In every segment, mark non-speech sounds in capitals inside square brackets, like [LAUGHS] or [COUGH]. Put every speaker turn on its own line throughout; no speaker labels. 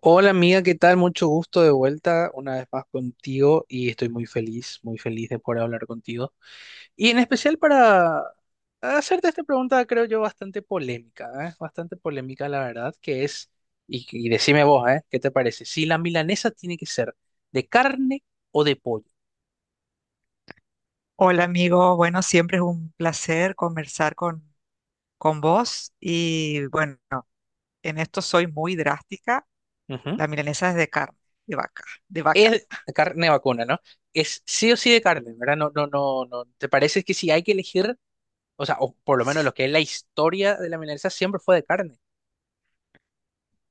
Hola amiga, ¿qué tal? Mucho gusto de vuelta una vez más contigo y estoy muy feliz de poder hablar contigo. Y en especial para hacerte esta pregunta, creo yo, bastante polémica, ¿eh? Bastante polémica, la verdad, que es, y decime vos, ¿eh? ¿Qué te parece? Si la milanesa tiene que ser de carne o de pollo.
Hola amigo, bueno, siempre es un placer conversar con vos y bueno, en esto soy muy drástica.
Ujú.
La milanesa es de carne, de vaca, de vaca,
Es de carne vacuna, ¿no? Es sí o sí de carne, ¿verdad? No, no, no, no. ¿Te parece que si hay que elegir, o sea, o por lo menos lo que es la historia de la milanesa siempre fue de carne,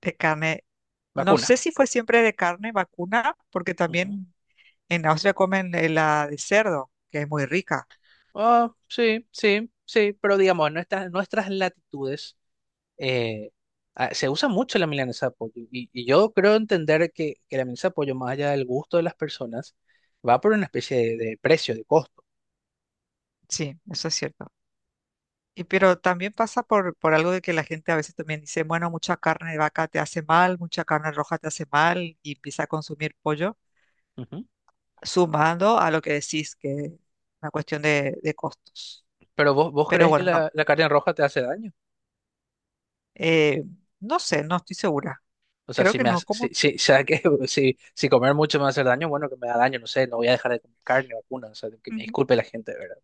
de carne. No
vacuna?
sé si fue siempre de carne vacuna, porque
Ujú.
también en Austria comen la de cerdo, que es muy rica.
Ah, sí, sí, sí, pero digamos, en nuestras latitudes eh, ah, se usa mucho la milanesa de pollo y, y yo creo entender que la milanesa de pollo, más allá del gusto de las personas, va por una especie de precio, de costo.
Sí, eso es cierto. Y pero también pasa por algo de que la gente a veces también dice, bueno, mucha carne de vaca te hace mal, mucha carne roja te hace mal y empieza a consumir pollo,
Ujú.
sumando a lo que decís, que es una cuestión de costos.
Pero vos
Pero
crees que
bueno, no.
la carne roja te hace daño.
eh, no sé, no estoy segura.
O sea,
Creo
si
que
me
no,
hace, si,
como,
si, [LAUGHS] o sea, que [LAUGHS] si comer mucho me va a hacer daño, bueno, que me da daño, no sé, no voy a dejar de comer carne o vacuna, o sea, que me
ujú,
disculpe la gente, ¿verdad?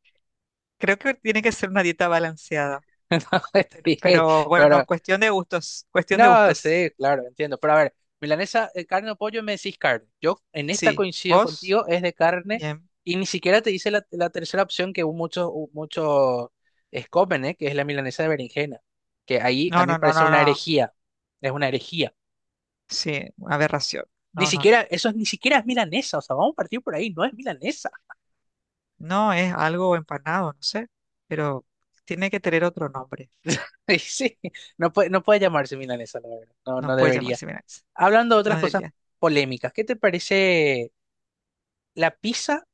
creo que tiene que ser una dieta balanceada.
[LAUGHS] No, está bien,
Pero bueno,
pero,
cuestión de gustos, cuestión de
no,
gustos.
sí, claro, entiendo, pero a ver, milanesa, carne o pollo, me decís carne. Yo en esta
Sí,
coincido
vos,
contigo, es de carne,
bien.
y ni siquiera te dice la tercera opción que muchos, muchos es comen, ¿eh? Que es la milanesa de berenjena, que ahí a
No,
mí me
no, no,
parece
no,
una
no.
herejía, es una herejía.
Sí, una aberración.
Ni
No, no, no.
siquiera, eso es, ni siquiera es milanesa, o sea, vamos a partir por ahí, no es milanesa.
No es algo empanado, no sé, pero tiene que tener otro nombre.
[LAUGHS] Sí, no puede llamarse milanesa, la verdad. No,
No
no
puede
debería.
llamarse milanesa.
Hablando de
No
otras cosas
debería.
polémicas, ¿qué te parece la pizza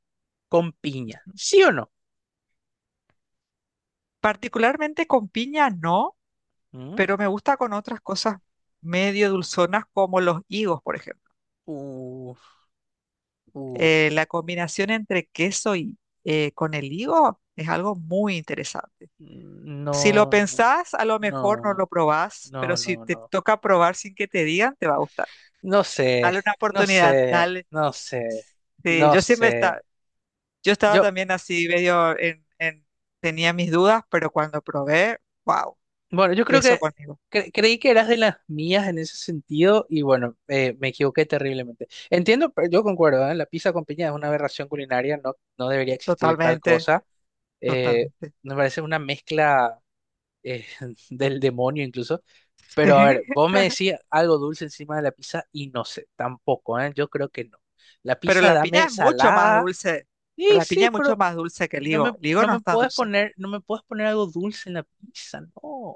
con piña?
Ujú.
¿Sí o no?
Particularmente con piña, no,
¿Mm?
pero me gusta con otras cosas medio dulzonas como los higos, por ejemplo.
Uf, uf.
La combinación entre queso y con el higo es algo muy interesante. Si lo
No,
pensás, a lo mejor no
no,
lo probás,
no,
pero si
no,
te
no.
toca probar sin que te digan, te va a gustar.
No sé,
Dale una
no
oportunidad,
sé,
dale.
no sé,
Sí,
no sé.
yo estaba
Yo,
también así medio tenía mis dudas, pero cuando probé, wow,
Bueno, yo creo
queso
que
con higo.
creí que eras de las mías en ese sentido y bueno, me equivoqué terriblemente. Entiendo, pero yo concuerdo, ¿eh? La pizza con piña es una aberración culinaria, no, no debería existir tal
Totalmente,
cosa. Eh,
totalmente.
me parece una mezcla eh, [LAUGHS] del demonio incluso. Pero a ver,
[LAUGHS]
vos me decís algo dulce encima de la pizza y no sé, tampoco, ¿eh? Yo creo que no. La
Pero
pizza
la piña
dame
es mucho más
salada.
dulce.
Sí,
La piña
sí,
es mucho
pero
más dulce que el
no
higo.
me,
El higo
no
no
me
es tan
puedes
dulce.
poner, no me puedes poner algo dulce en la pizza, no.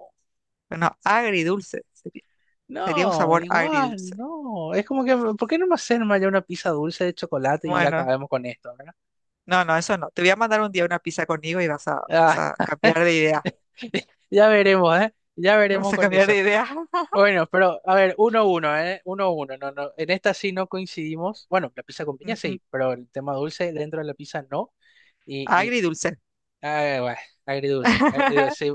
Bueno, agridulce. Sería, sería un
No,
sabor
igual,
agridulce.
no. Es como que ¿por qué no me hacen ya una pizza dulce de chocolate y
Bueno,
acabemos con esto? ¿Verdad?
no, no, eso no. Te voy a mandar un día una pizza con higo y vas
Ah,
a cambiar de idea.
[LAUGHS] ya veremos, ¿eh? Ya veremos
Vas a
con
cambiar
eso.
de idea. [LAUGHS]
Bueno, pero a ver, uno a uno, ¿eh? Uno a uno. No, no. En esta sí no coincidimos. Bueno, la pizza con piña
Ujú.
sí, pero el tema dulce dentro de la pizza no. Y
Agridulce.
Ah, bueno, agridulce,
[LAUGHS]
agridulce. Sí,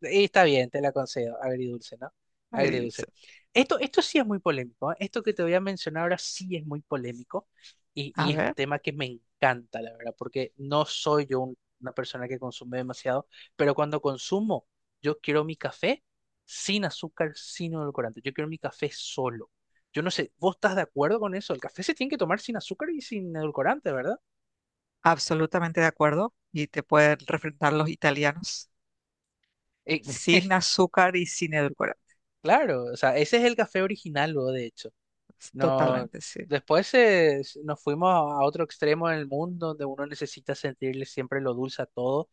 y está bien, te la concedo, agridulce, ¿no?
Agridulce.
Agridulce. Esto sí es muy polémico, ¿eh? Esto que te voy a mencionar ahora sí es muy polémico y,
A
y es un
ver,
tema que me encanta, la verdad, porque no soy yo una persona que consume demasiado, pero cuando consumo, yo quiero mi café sin azúcar, sin edulcorante, yo quiero mi café solo. Yo no sé, ¿vos estás de acuerdo con eso? El café se tiene que tomar sin azúcar y sin edulcorante, ¿verdad?
absolutamente de acuerdo. Y te pueden refrentar los italianos.
Eh,
Sin
[LAUGHS]
azúcar y sin edulcorantes.
Claro, o sea, ese es el café original, luego, de hecho. No,
Totalmente, sí.
después nos fuimos a otro extremo del mundo donde uno necesita sentirle siempre lo dulce a todo.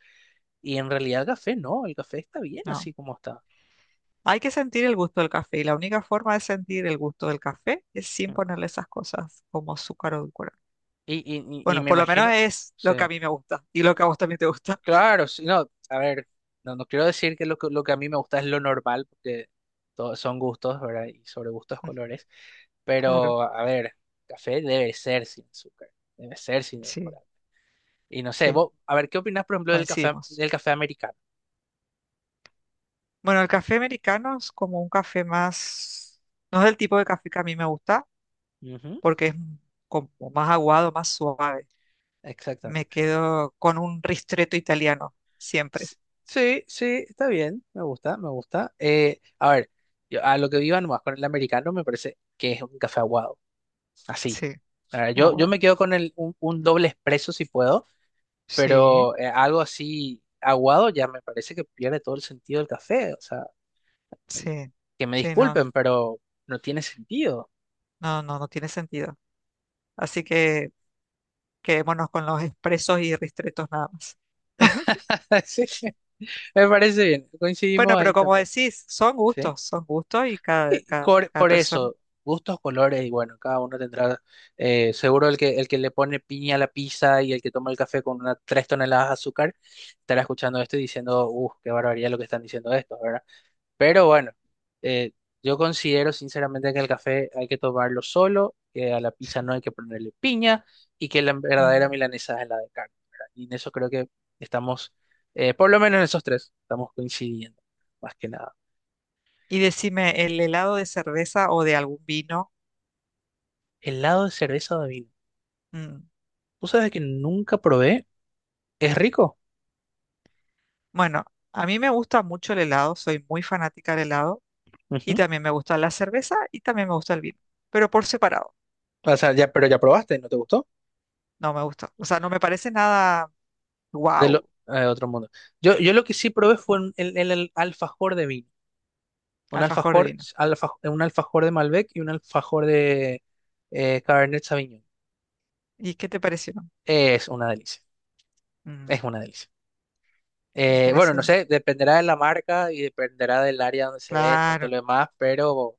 Y en realidad el café no, el café está bien
No.
así como está.
Hay que sentir el gusto del café y la única forma de sentir el gusto del café es sin
Mm.
ponerle esas cosas como azúcar o edulcorante.
Y
Bueno,
me
por lo menos
imagino,
es lo que a
sí,
mí me gusta y lo que a vos también te gusta. [LAUGHS]
claro, sí, no, a ver, no, no quiero decir que lo, que lo que a mí me gusta es lo normal, porque todos son gustos, ¿verdad? Y sobre gustos,
Mm,
colores.
claro,
Pero, a ver, café debe ser sin azúcar, debe ser sin alcohol.
sí,
Y no sé,
sí,
vos, a ver, ¿qué opinás, por ejemplo,
coincidimos.
del café americano?
Bueno, el café americano es como un café más, no es el tipo de café que a mí me gusta
Ujú,
porque como más aguado, más suave. Me
exactamente.
quedo con un ristretto italiano, siempre.
S- Sí, sí, está bien, me gusta, me gusta. A ver, a lo que vivan más con el americano me parece que es un café aguado, así.
Sí,
A ver, yo
aguado.
me quedo con un doble expreso si puedo,
Sí,
pero algo así aguado ya me parece que pierde todo el sentido del café. O sea,
sí,
que me
sí, no,
disculpen, pero no tiene sentido.
no, no, no tiene sentido. Así que quedémonos con los expresos y ristretos nada más. [LAUGHS]
[LAUGHS] Sí, me parece bien,
Bueno,
coincidimos
pero
ahí
como
también.
decís,
¿Sí?
son gustos y cada,
Y
cada, cada
por
persona.
eso, gustos, colores, y bueno, cada uno tendrá, seguro el que le pone piña a la pizza y el que toma el café con unas 3 toneladas de azúcar, estará escuchando esto y diciendo, uff, qué barbaridad lo que están diciendo estos, ¿verdad? Pero bueno, eh, yo considero sinceramente que el café hay que tomarlo solo, que a la
Sí.
pizza no hay que ponerle piña y que la verdadera
Mm.
milanesa es la de carne, ¿verdad? Y en eso creo que estamos, por lo menos en esos tres, estamos coincidiendo, más que nada.
Y decime, ¿el helado de cerveza o de algún vino?
¿Helado de cerveza o de vino?
Mm.
Tú sabes que nunca probé. Es rico.
Bueno, a mí me gusta mucho el helado, soy muy fanática del helado y
Ujú.
también me gusta la cerveza y también me gusta el vino, pero por separado,
O sea, ya, pero ya probaste, ¿no te gustó?
no me gusta. O sea, no me parece nada wow,
Otro mundo. Yo lo que sí probé fue el alfajor de vino. Un
alfajor de
alfajor,
vino.
alfa- un alfajor de Malbec y un alfajor de Cabernet Sauvignon.
¿Y qué te pareció?
Es una delicia.
Mm,
Es una delicia.
me
Bueno, no
parece,
sé, dependerá de la marca y dependerá del área donde se venda y todo
claro,
lo demás, pero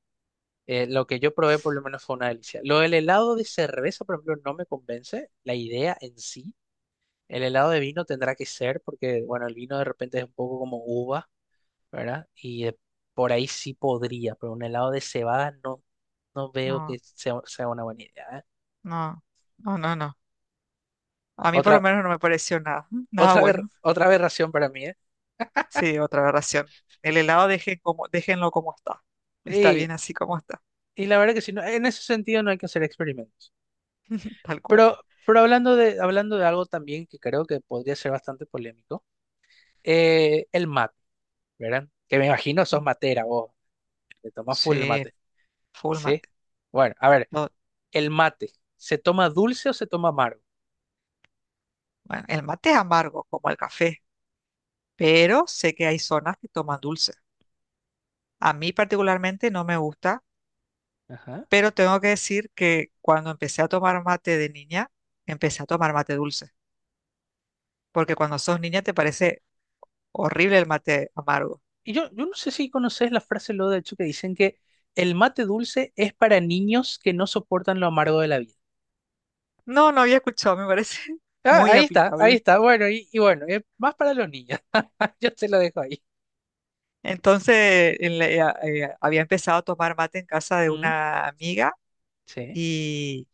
lo que yo probé por lo menos fue una delicia. Lo del helado de cerveza, por ejemplo, no me convence la idea en sí. El helado de vino tendrá que ser porque, bueno, el vino de repente es un poco como uva, ¿verdad? Y por ahí sí podría, pero un helado de cebada no, no veo que
no.
sea una buena idea, ¿eh?
No, no, no, no. A mí por lo
Otra,
menos no me pareció nada, [LAUGHS] nada
otra, aber-
bueno.
otra aberración para mí, ¿eh?
Sí, otra aberración. El helado dejen como, déjenlo como está. Está
Y,
bien así como está,
y la verdad que sí, en ese sentido no hay que hacer experimentos.
[LAUGHS] tal cual.
Pero, pero hablando de algo también que creo que podría ser bastante polémico, el mate, ¿verdad? Que me imagino sos
Mm.
matera vos, te tomás full el
Sí,
mate,
full
¿sí?
mate.
Bueno, a ver.
No,
El mate, ¿se toma dulce o se toma amargo?
bueno, el mate es amargo, como el café, pero sé que hay zonas que toman dulce. A mí particularmente no me gusta,
Ajá.
pero tengo que decir que cuando empecé a tomar mate de niña, empecé a tomar mate dulce, porque cuando sos niña te parece horrible el mate amargo.
Y yo no sé si conoces la frase lo de hecho que dicen que el mate dulce es para niños que no soportan lo amargo de la vida.
No, no había escuchado, me parece [LAUGHS]
Ah,
muy
ahí está, ahí
aplicable.
está. Bueno, y bueno, es más para los niños. [LAUGHS] Yo te lo dejo ahí.
Entonces, había empezado a tomar mate en casa de
Mm,
una amiga
sí.
y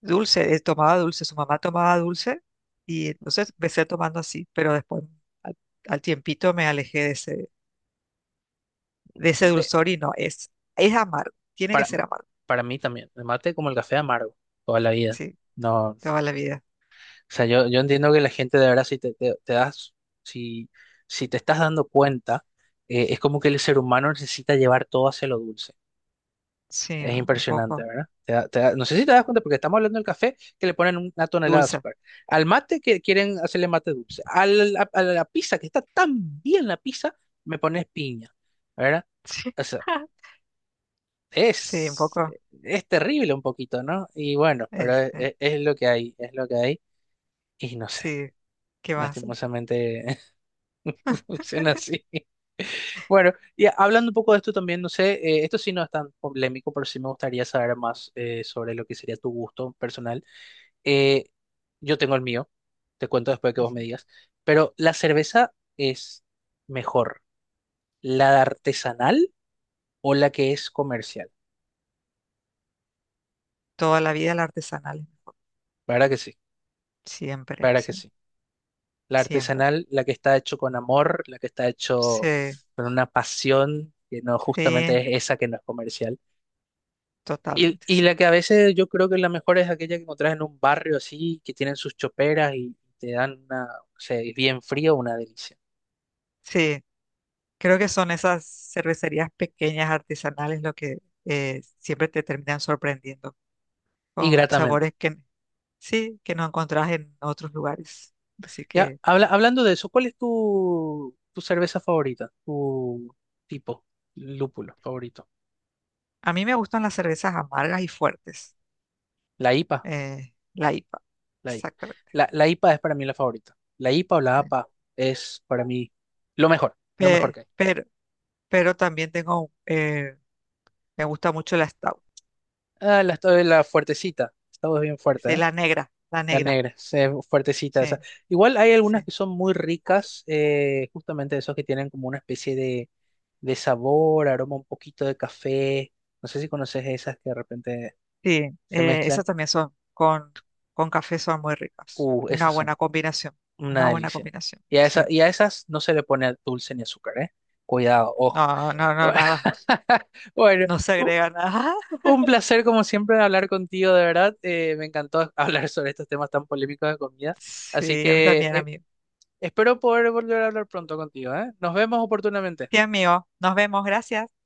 dulce, tomaba dulce, su mamá tomaba dulce y entonces empecé tomando así, pero después al, al tiempito me alejé de ese
De-
dulzor y no, es amargo, tiene que
para,
ser amargo,
para mí también, el mate como el café amargo, toda la vida.
sí,
No, o
toda la vida,
sea, yo entiendo que la gente de verdad, si te das, si, si te estás dando cuenta, es como que el ser humano necesita llevar todo hacia lo dulce.
sí,
Es
¿no? Un
impresionante,
poco
¿verdad? No sé si te das cuenta, porque estamos hablando del café que le ponen una tonelada de
dulce,
azúcar. Al mate que quieren hacerle mate dulce. A la pizza, que está tan bien la pizza, me pones piña, ¿verdad?
[LAUGHS] sí,
O sea,
sí, un
es,
poco,
es terrible un poquito, ¿no? Y bueno, pero es,
este,
es- es lo que hay, es lo que hay. Y no sé,
sí, ¿qué más? Ujú.
lastimosamente [LAUGHS] funciona así. Bueno, y hablando un poco de esto también, no sé, esto sí no es tan polémico, pero sí me gustaría saber más sobre lo que sería tu gusto personal. Eh, yo tengo el mío, te cuento después que vos me digas, pero ¿la cerveza es mejor, la artesanal o la que es comercial?
Toda la vida la artesanal.
Para que sí,
Siempre,
para que
sí,
sí. La
siempre.
artesanal, la que está hecho con amor, la que está hecho
Sí,
con una pasión, que no justamente
sí,
es esa que no es comercial. Y,
totalmente,
y
sí.
la que a veces yo creo que la mejor es aquella que encontrás en un barrio así, que tienen sus choperas y te dan una, o sea, es bien frío, una delicia.
Sí, creo que son esas cervecerías pequeñas, artesanales, lo que siempre te terminan sorprendiendo
Y
con
gratamente.
sabores que sí, que no encontrás en otros lugares. Así
Ya,
que
hablando de eso, ¿cuál es tu cerveza favorita? ¿Tu tipo, lúpulo favorito?
a mí me gustan las cervezas amargas y fuertes,
La IPA,
la IPA,
la IPA.
exactamente.
La IPA es para mí la favorita. La IPA o la
Sí.
APA es para mí lo mejor
Pe-
que hay.
pero, pero también tengo, me gusta mucho la Stout,
Ah, la fuertecita, esta bien fuerte,
sí,
¿eh?
la
La
negra,
negra, fuertecita
sí.
esa. Igual hay algunas
Sí.
que son muy ricas, justamente esos que tienen como una especie de sabor, aroma, un poquito de café. No sé si conoces esas que de repente
Sí,
se
esas
mezclan.
también son, con café son muy ricas.
Esas son una
Una buena
delicia.
combinación,
Y a,
sí.
esa, y a esas no se le pone dulce ni azúcar, ¿eh? Cuidado, ojo.
No, no, no, nada.
[LAUGHS] Bueno,
No se
u-
agrega nada. [LAUGHS]
un placer como siempre hablar contigo, de verdad. Me encantó [LAUGHS] hablar sobre estos temas tan polémicos de comida. Así
Sí, a mí
que
también, amigo.
espero poder volver a hablar pronto contigo, ¿eh? Nos vemos oportunamente.
Sí, amigo. Nos vemos. Gracias.